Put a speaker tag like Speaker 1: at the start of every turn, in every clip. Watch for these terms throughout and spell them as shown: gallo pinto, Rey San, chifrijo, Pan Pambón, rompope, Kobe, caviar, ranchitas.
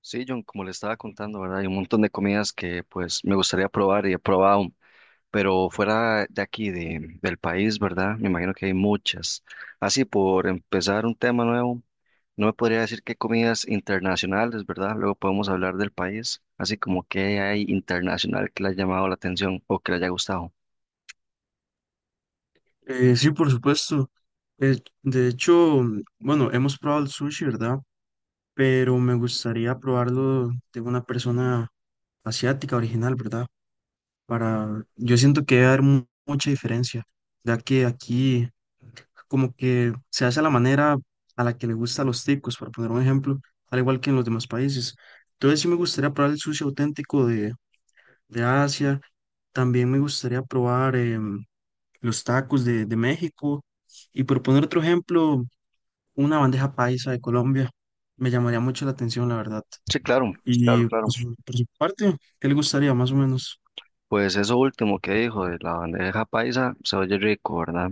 Speaker 1: Sí, John, como le estaba contando, ¿verdad? Hay un montón de comidas que pues me gustaría probar y he probado, pero fuera de aquí, del país, ¿verdad? Me imagino que hay muchas. Así, por empezar un tema nuevo, no me podría decir qué comidas internacionales, ¿verdad? Luego podemos hablar del país, así como qué hay internacional que le haya llamado la atención o que le haya gustado.
Speaker 2: Sí, por supuesto. Eh, de hecho, bueno, hemos probado el sushi, ¿verdad? Pero me gustaría probarlo de una persona asiática original, ¿verdad? Yo siento que va a haber mucha diferencia, ya que aquí como que se hace a la manera a la que le gusta a los ticos, para poner un ejemplo, al igual que en los demás países. Entonces sí me gustaría probar el sushi auténtico de Asia. También me gustaría probar los tacos de México. Y por poner otro ejemplo, una bandeja paisa de Colombia. Me llamaría mucho la atención, la verdad.
Speaker 1: Sí, claro, claro,
Speaker 2: Y
Speaker 1: claro.
Speaker 2: por su parte, ¿qué le gustaría más o menos?
Speaker 1: Pues eso último que dijo de la bandeja paisa, se oye rico, ¿verdad?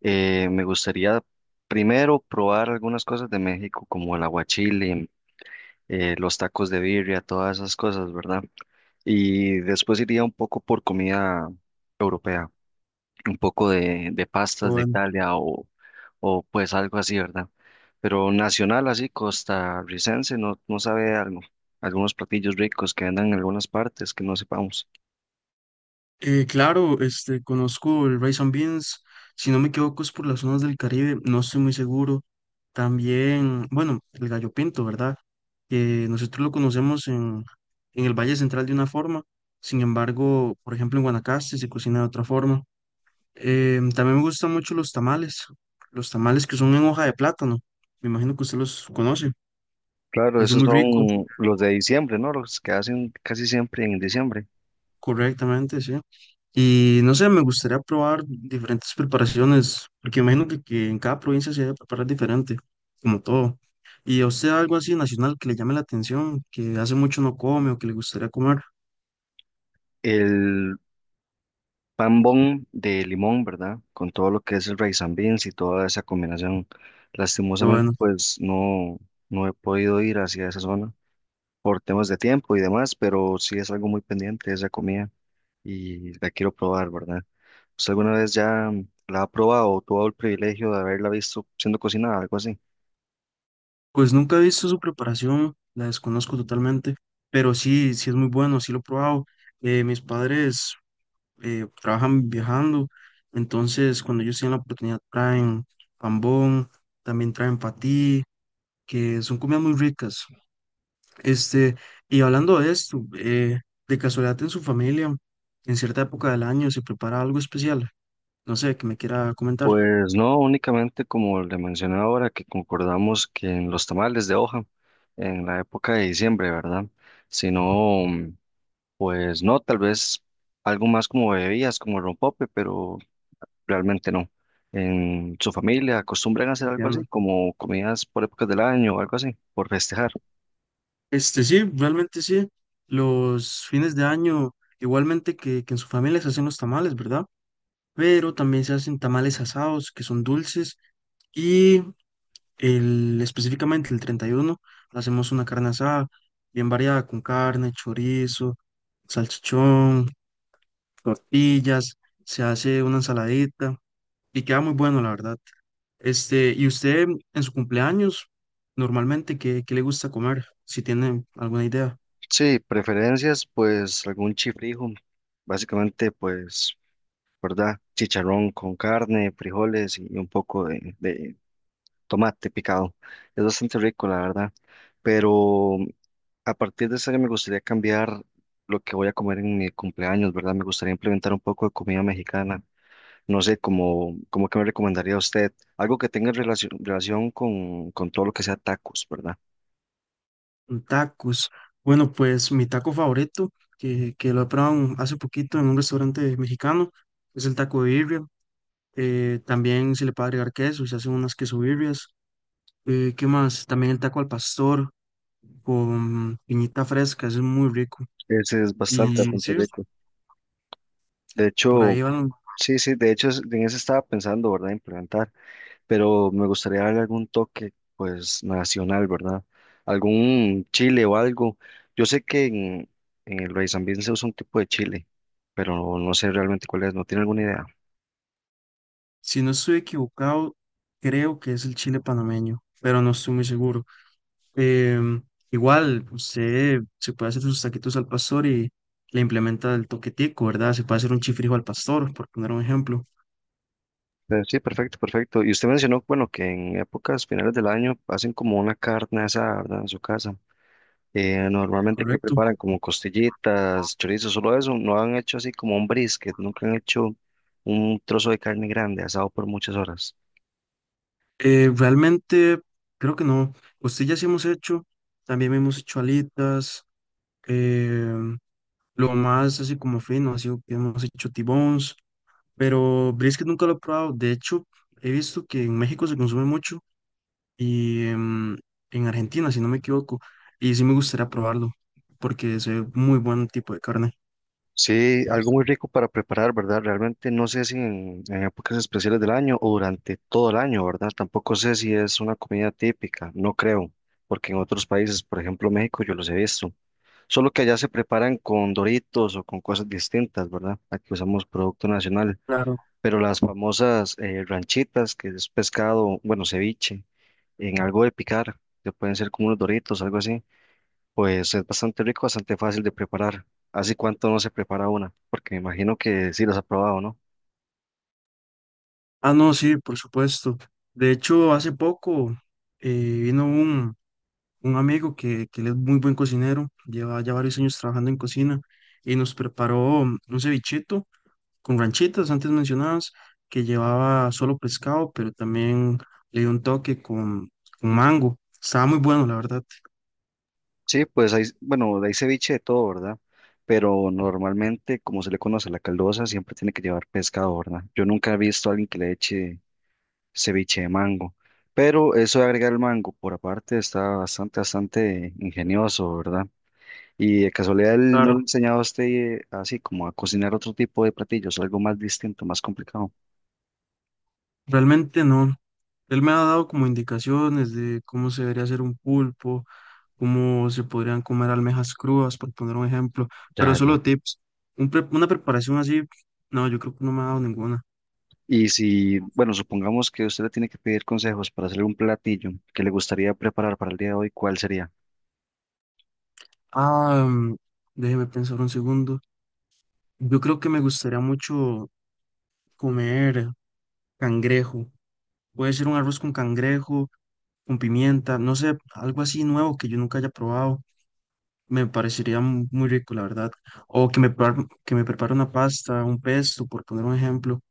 Speaker 1: Me gustaría primero probar algunas cosas de México, como el aguachile, los tacos de birria, todas esas cosas, ¿verdad? Y después iría un poco por comida europea, un poco de
Speaker 2: Pero
Speaker 1: pastas de
Speaker 2: bueno,
Speaker 1: Italia o pues algo así, ¿verdad? Pero nacional, así, costarricense, no sabe algo. Algunos platillos ricos que andan en algunas partes que no sepamos.
Speaker 2: claro, este, conozco el rice and beans. Si no me equivoco, es por las zonas del Caribe, no estoy muy seguro. También, bueno, el gallo pinto, ¿verdad? Que nosotros lo conocemos en el Valle Central de una forma. Sin embargo, por ejemplo, en Guanacaste se cocina de otra forma. También me gustan mucho los tamales que son en hoja de plátano. Me imagino que usted los conoce.
Speaker 1: Claro,
Speaker 2: Es
Speaker 1: esos
Speaker 2: muy rico,
Speaker 1: son los de diciembre, ¿no? Los que hacen casi siempre en diciembre.
Speaker 2: correctamente, sí. Y no sé, me gustaría probar diferentes preparaciones, porque imagino que en cada provincia se debe preparar diferente, como todo. ¿Y a usted algo así nacional que le llame la atención, que hace mucho no come o que le gustaría comer?
Speaker 1: El Pan Pambón de limón, ¿verdad? Con todo lo que es el rice and beans y toda esa combinación.
Speaker 2: qué
Speaker 1: Lastimosamente,
Speaker 2: bueno,
Speaker 1: pues no he podido ir hacia esa zona por temas de tiempo y demás, pero sí es algo muy pendiente esa comida y la quiero probar, ¿verdad? ¿Usted alguna vez ya la ha probado o tuvo el privilegio de haberla visto siendo cocinada, algo así?
Speaker 2: pues nunca he visto su preparación, la desconozco totalmente, pero sí, sí es muy bueno, sí lo he probado. Mis padres trabajan viajando. Entonces, cuando ellos tienen la oportunidad, traen pambón, también traen patí, que son comidas muy ricas. Este, y hablando de esto, de casualidad en su familia, en cierta época del año se prepara algo especial. No sé, que me quiera comentar.
Speaker 1: Pues no, únicamente como le mencioné ahora, que concordamos que en los tamales de hoja, en la época de diciembre, ¿verdad? Sino... Pues no, tal vez algo más como bebidas, como el rompope, pero realmente no. ¿En su familia acostumbran a hacer algo así,
Speaker 2: Entiendo.
Speaker 1: como comidas por épocas del año o algo así, por festejar?
Speaker 2: Este sí, realmente sí. Los fines de año, igualmente que en su familia se hacen los tamales, ¿verdad? Pero también se hacen tamales asados, que son dulces, y específicamente el 31 hacemos una carne asada bien variada, con carne, chorizo, salchichón, tortillas, se hace una ensaladita y queda muy bueno, la verdad. Este, ¿y usted en su cumpleaños, normalmente, qué le gusta comer? Si tiene alguna idea.
Speaker 1: Sí, preferencias, pues algún chifrijo, básicamente, pues, ¿verdad? Chicharrón con carne, frijoles y un poco de tomate picado. Es bastante rico, la verdad, pero a partir de ese año me gustaría cambiar lo que voy a comer en mi cumpleaños, ¿verdad? Me gustaría implementar un poco de comida mexicana. No sé, como que me recomendaría a usted algo que tenga relación, relación con todo lo que sea tacos, ¿verdad?
Speaker 2: Tacos. Bueno, pues mi taco favorito, que lo he probado hace poquito en un restaurante mexicano, es el taco de birria. También se le puede agregar queso, y se hacen unas queso birrias. ¿Qué más? También el taco al pastor con piñita fresca, ese es muy rico.
Speaker 1: Ese es bastante,
Speaker 2: Y
Speaker 1: bastante
Speaker 2: sí,
Speaker 1: rico. De
Speaker 2: por
Speaker 1: hecho,
Speaker 2: ahí van,
Speaker 1: sí, sí, de hecho en eso estaba pensando, ¿verdad? Implementar. Pero me gustaría darle algún toque, pues, nacional, ¿verdad? Algún chile o algo. Yo sé que en el Rey San se usa un tipo de chile, pero no sé realmente cuál es, no tiene alguna idea.
Speaker 2: si no estoy equivocado, creo que es el chile panameño, pero no estoy muy seguro. Em, Igual, usted se puede hacer sus taquitos al pastor y le implementa el toquetico, ¿verdad? Se puede hacer un chifrijo al pastor, por poner un ejemplo.
Speaker 1: Pero sí, perfecto, perfecto. Y usted mencionó, bueno, que en épocas finales del año hacen como una carne asada, ¿verdad? En su casa. Normalmente que
Speaker 2: Correcto.
Speaker 1: preparan como costillitas, chorizos, solo eso. No han hecho así como un brisket, nunca han hecho un trozo de carne grande asado por muchas horas.
Speaker 2: Realmente, creo que no. Costillas sí hemos hecho, también hemos hecho alitas. em, lo más así como fino ha sido que hemos hecho T-bones, pero brisket nunca lo he probado. De hecho, he visto que en México se consume mucho. Y en Argentina, si no me equivoco. Y sí me gustaría probarlo, porque es muy buen tipo de carne.
Speaker 1: Sí, algo muy rico para preparar, ¿verdad? Realmente no sé si en épocas especiales del año o durante todo el año, ¿verdad? Tampoco sé si es una comida típica, no creo, porque en otros países, por ejemplo México, yo los he visto. Solo que allá se preparan con doritos o con cosas distintas, ¿verdad? Aquí usamos producto nacional,
Speaker 2: Claro.
Speaker 1: pero las famosas ranchitas, que es pescado, bueno, ceviche, en algo de picar, que pueden ser como unos doritos, algo así. Pues es bastante rico, bastante fácil de preparar. ¿Hace cuánto no se prepara una? Porque me imagino que sí los ha probado, ¿no?
Speaker 2: Ah, no, sí, por supuesto. De hecho, hace poco vino un amigo que él es muy buen cocinero, lleva ya varios años trabajando en cocina y nos preparó un cevichito con ranchitas antes mencionadas, que llevaba solo pescado, pero también le dio un toque con mango. Estaba muy bueno, la verdad.
Speaker 1: Sí, pues hay, bueno, hay ceviche de todo, ¿verdad? Pero normalmente, como se le conoce a la caldosa, siempre tiene que llevar pescado, ¿verdad? Yo nunca he visto a alguien que le eche ceviche de mango. Pero eso de agregar el mango por aparte está bastante, bastante ingenioso, ¿verdad? Y de casualidad, ¿él no
Speaker 2: Claro.
Speaker 1: le ha enseñado a usted, así como a cocinar otro tipo de platillos, algo más distinto, más complicado?
Speaker 2: Realmente no. Él me ha dado como indicaciones de cómo se debería hacer un pulpo, cómo se podrían comer almejas crudas, por poner un ejemplo, pero
Speaker 1: Ya, ya.
Speaker 2: solo tips. Una preparación así, no, yo creo que no me ha dado ninguna.
Speaker 1: Y si, bueno, supongamos que usted le tiene que pedir consejos para hacer un platillo que le gustaría preparar para el día de hoy, ¿cuál sería?
Speaker 2: Ah, déjeme pensar un segundo. Yo creo que me gustaría mucho comer cangrejo. Puede ser un arroz con cangrejo, con pimienta, no sé, algo así nuevo que yo nunca haya probado. Me parecería muy rico, la verdad. O que me prepare una pasta, un pesto, por poner un ejemplo.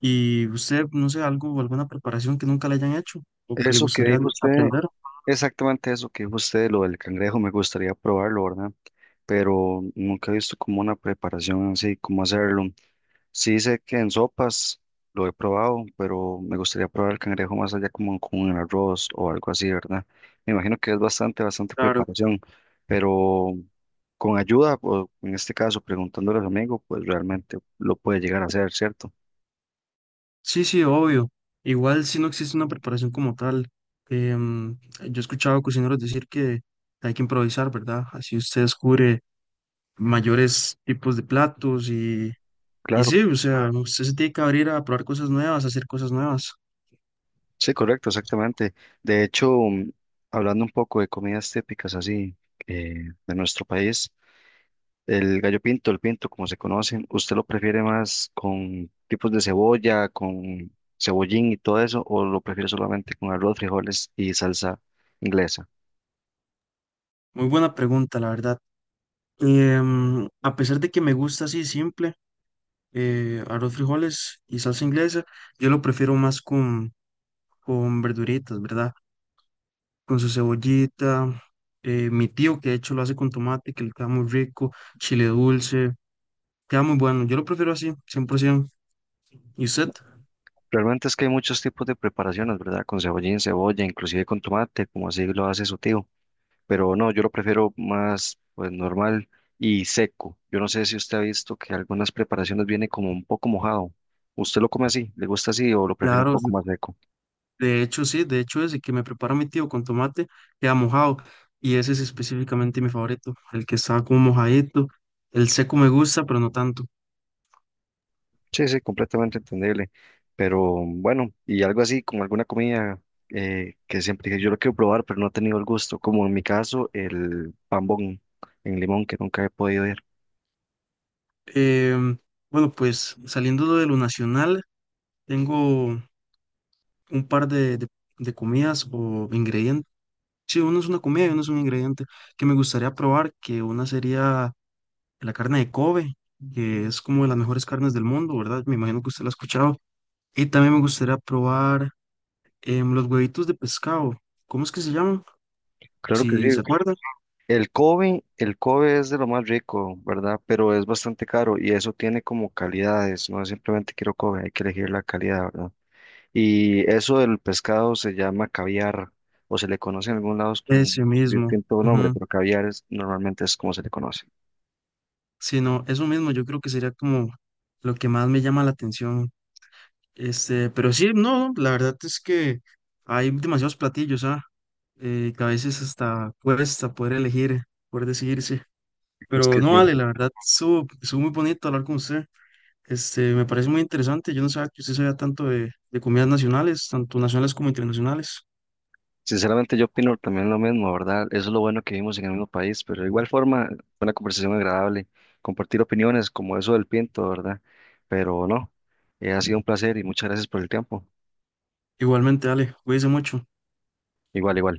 Speaker 2: Y usted, no sé, algo, alguna preparación que nunca le hayan hecho o que le
Speaker 1: Eso que
Speaker 2: gustaría
Speaker 1: dijo usted,
Speaker 2: aprender.
Speaker 1: exactamente eso que dijo usted, lo del cangrejo, me gustaría probarlo, ¿verdad? Pero nunca he visto como una preparación así, cómo hacerlo. Sí sé que en sopas lo he probado, pero me gustaría probar el cangrejo más allá como con el arroz o algo así, ¿verdad? Me imagino que es bastante, bastante
Speaker 2: Claro.
Speaker 1: preparación, pero con ayuda, o en este caso preguntándole a su amigo, pues realmente lo puede llegar a hacer, ¿cierto?
Speaker 2: Sí, sí, obvio. Igual si no existe una preparación como tal. Em, yo he escuchado cocineros decir que hay que improvisar, ¿verdad? Así usted descubre mayores tipos de platos y
Speaker 1: Claro,
Speaker 2: sí, o sea, usted se tiene que abrir a probar cosas nuevas, a hacer cosas nuevas.
Speaker 1: sí, correcto, exactamente. De hecho, hablando un poco de comidas típicas así, eh, de nuestro país, el gallo pinto, el pinto, como se conocen, ¿usted lo prefiere más con tipos de cebolla, con cebollín y todo eso, o lo prefiere solamente con arroz, frijoles y salsa inglesa?
Speaker 2: Muy buena pregunta, la verdad. A pesar de que me gusta así simple, arroz, frijoles y salsa inglesa, yo lo prefiero más con verduritas, ¿verdad? Con su cebollita, mi tío que de hecho lo hace con tomate, que le queda muy rico, chile dulce, queda muy bueno. Yo lo prefiero así, 100%. ¿Y usted?
Speaker 1: Realmente es que hay muchos tipos de preparaciones, ¿verdad? Con cebollín, cebolla, inclusive con tomate, como así lo hace su tío. Pero no, yo lo prefiero más, pues, normal y seco. Yo no sé si usted ha visto que algunas preparaciones viene como un poco mojado. ¿Usted lo come así? ¿Le gusta así o lo prefiere un
Speaker 2: Claro, de
Speaker 1: poco más seco?
Speaker 2: de hecho sí, de hecho ese que me prepara mi tío con tomate queda mojado y ese es específicamente mi favorito, el que está como mojadito. El seco me gusta, pero no tanto.
Speaker 1: Sí, sí, completamente entendible. Pero bueno, y algo así, como alguna comida, que siempre dije, yo lo quiero probar, pero no he tenido el gusto, como en mi caso, el pambón en limón, que nunca he podido ir.
Speaker 2: Em, bueno, pues saliendo de lo nacional, tengo un par de comidas o ingredientes. Sí, uno es una comida y uno es un ingrediente que me gustaría probar, que una sería la carne de Kobe, que es como de las mejores carnes del mundo, ¿verdad? Me imagino que usted la ha escuchado. Y también me gustaría probar los huevitos de pescado. ¿Cómo es que se llaman?
Speaker 1: Claro que sí.
Speaker 2: Si se acuerdan.
Speaker 1: El Kobe es de lo más rico, ¿verdad? Pero es bastante caro y eso tiene como calidades, no es simplemente quiero Kobe, hay que elegir la calidad, ¿verdad? Y eso del pescado se llama caviar, o se le conoce en algunos lados con
Speaker 2: Ese mismo.
Speaker 1: distinto nombre,
Speaker 2: Ujú.
Speaker 1: pero caviar es, normalmente es como se le conoce.
Speaker 2: Sí, no, eso mismo yo creo que sería como lo que más me llama la atención. Este, pero sí, no, la verdad es que hay demasiados platillos, ¿ah? Que a veces hasta cuesta poder elegir, poder decidirse.
Speaker 1: Es
Speaker 2: Pero
Speaker 1: que
Speaker 2: no
Speaker 1: sí.
Speaker 2: vale, la verdad, estuvo muy bonito hablar con usted. Este, me parece muy interesante. Yo no sabía que usted sabía tanto de comidas nacionales, tanto nacionales como internacionales.
Speaker 1: Sinceramente yo opino también lo mismo, ¿verdad? Eso es lo bueno que vivimos en el mismo país, pero de igual forma fue una conversación agradable, compartir opiniones como eso del Pinto, ¿verdad? Pero no, ha sido un placer y muchas gracias por el tiempo.
Speaker 2: Igualmente, Ale, cuídese mucho.
Speaker 1: Igual, igual.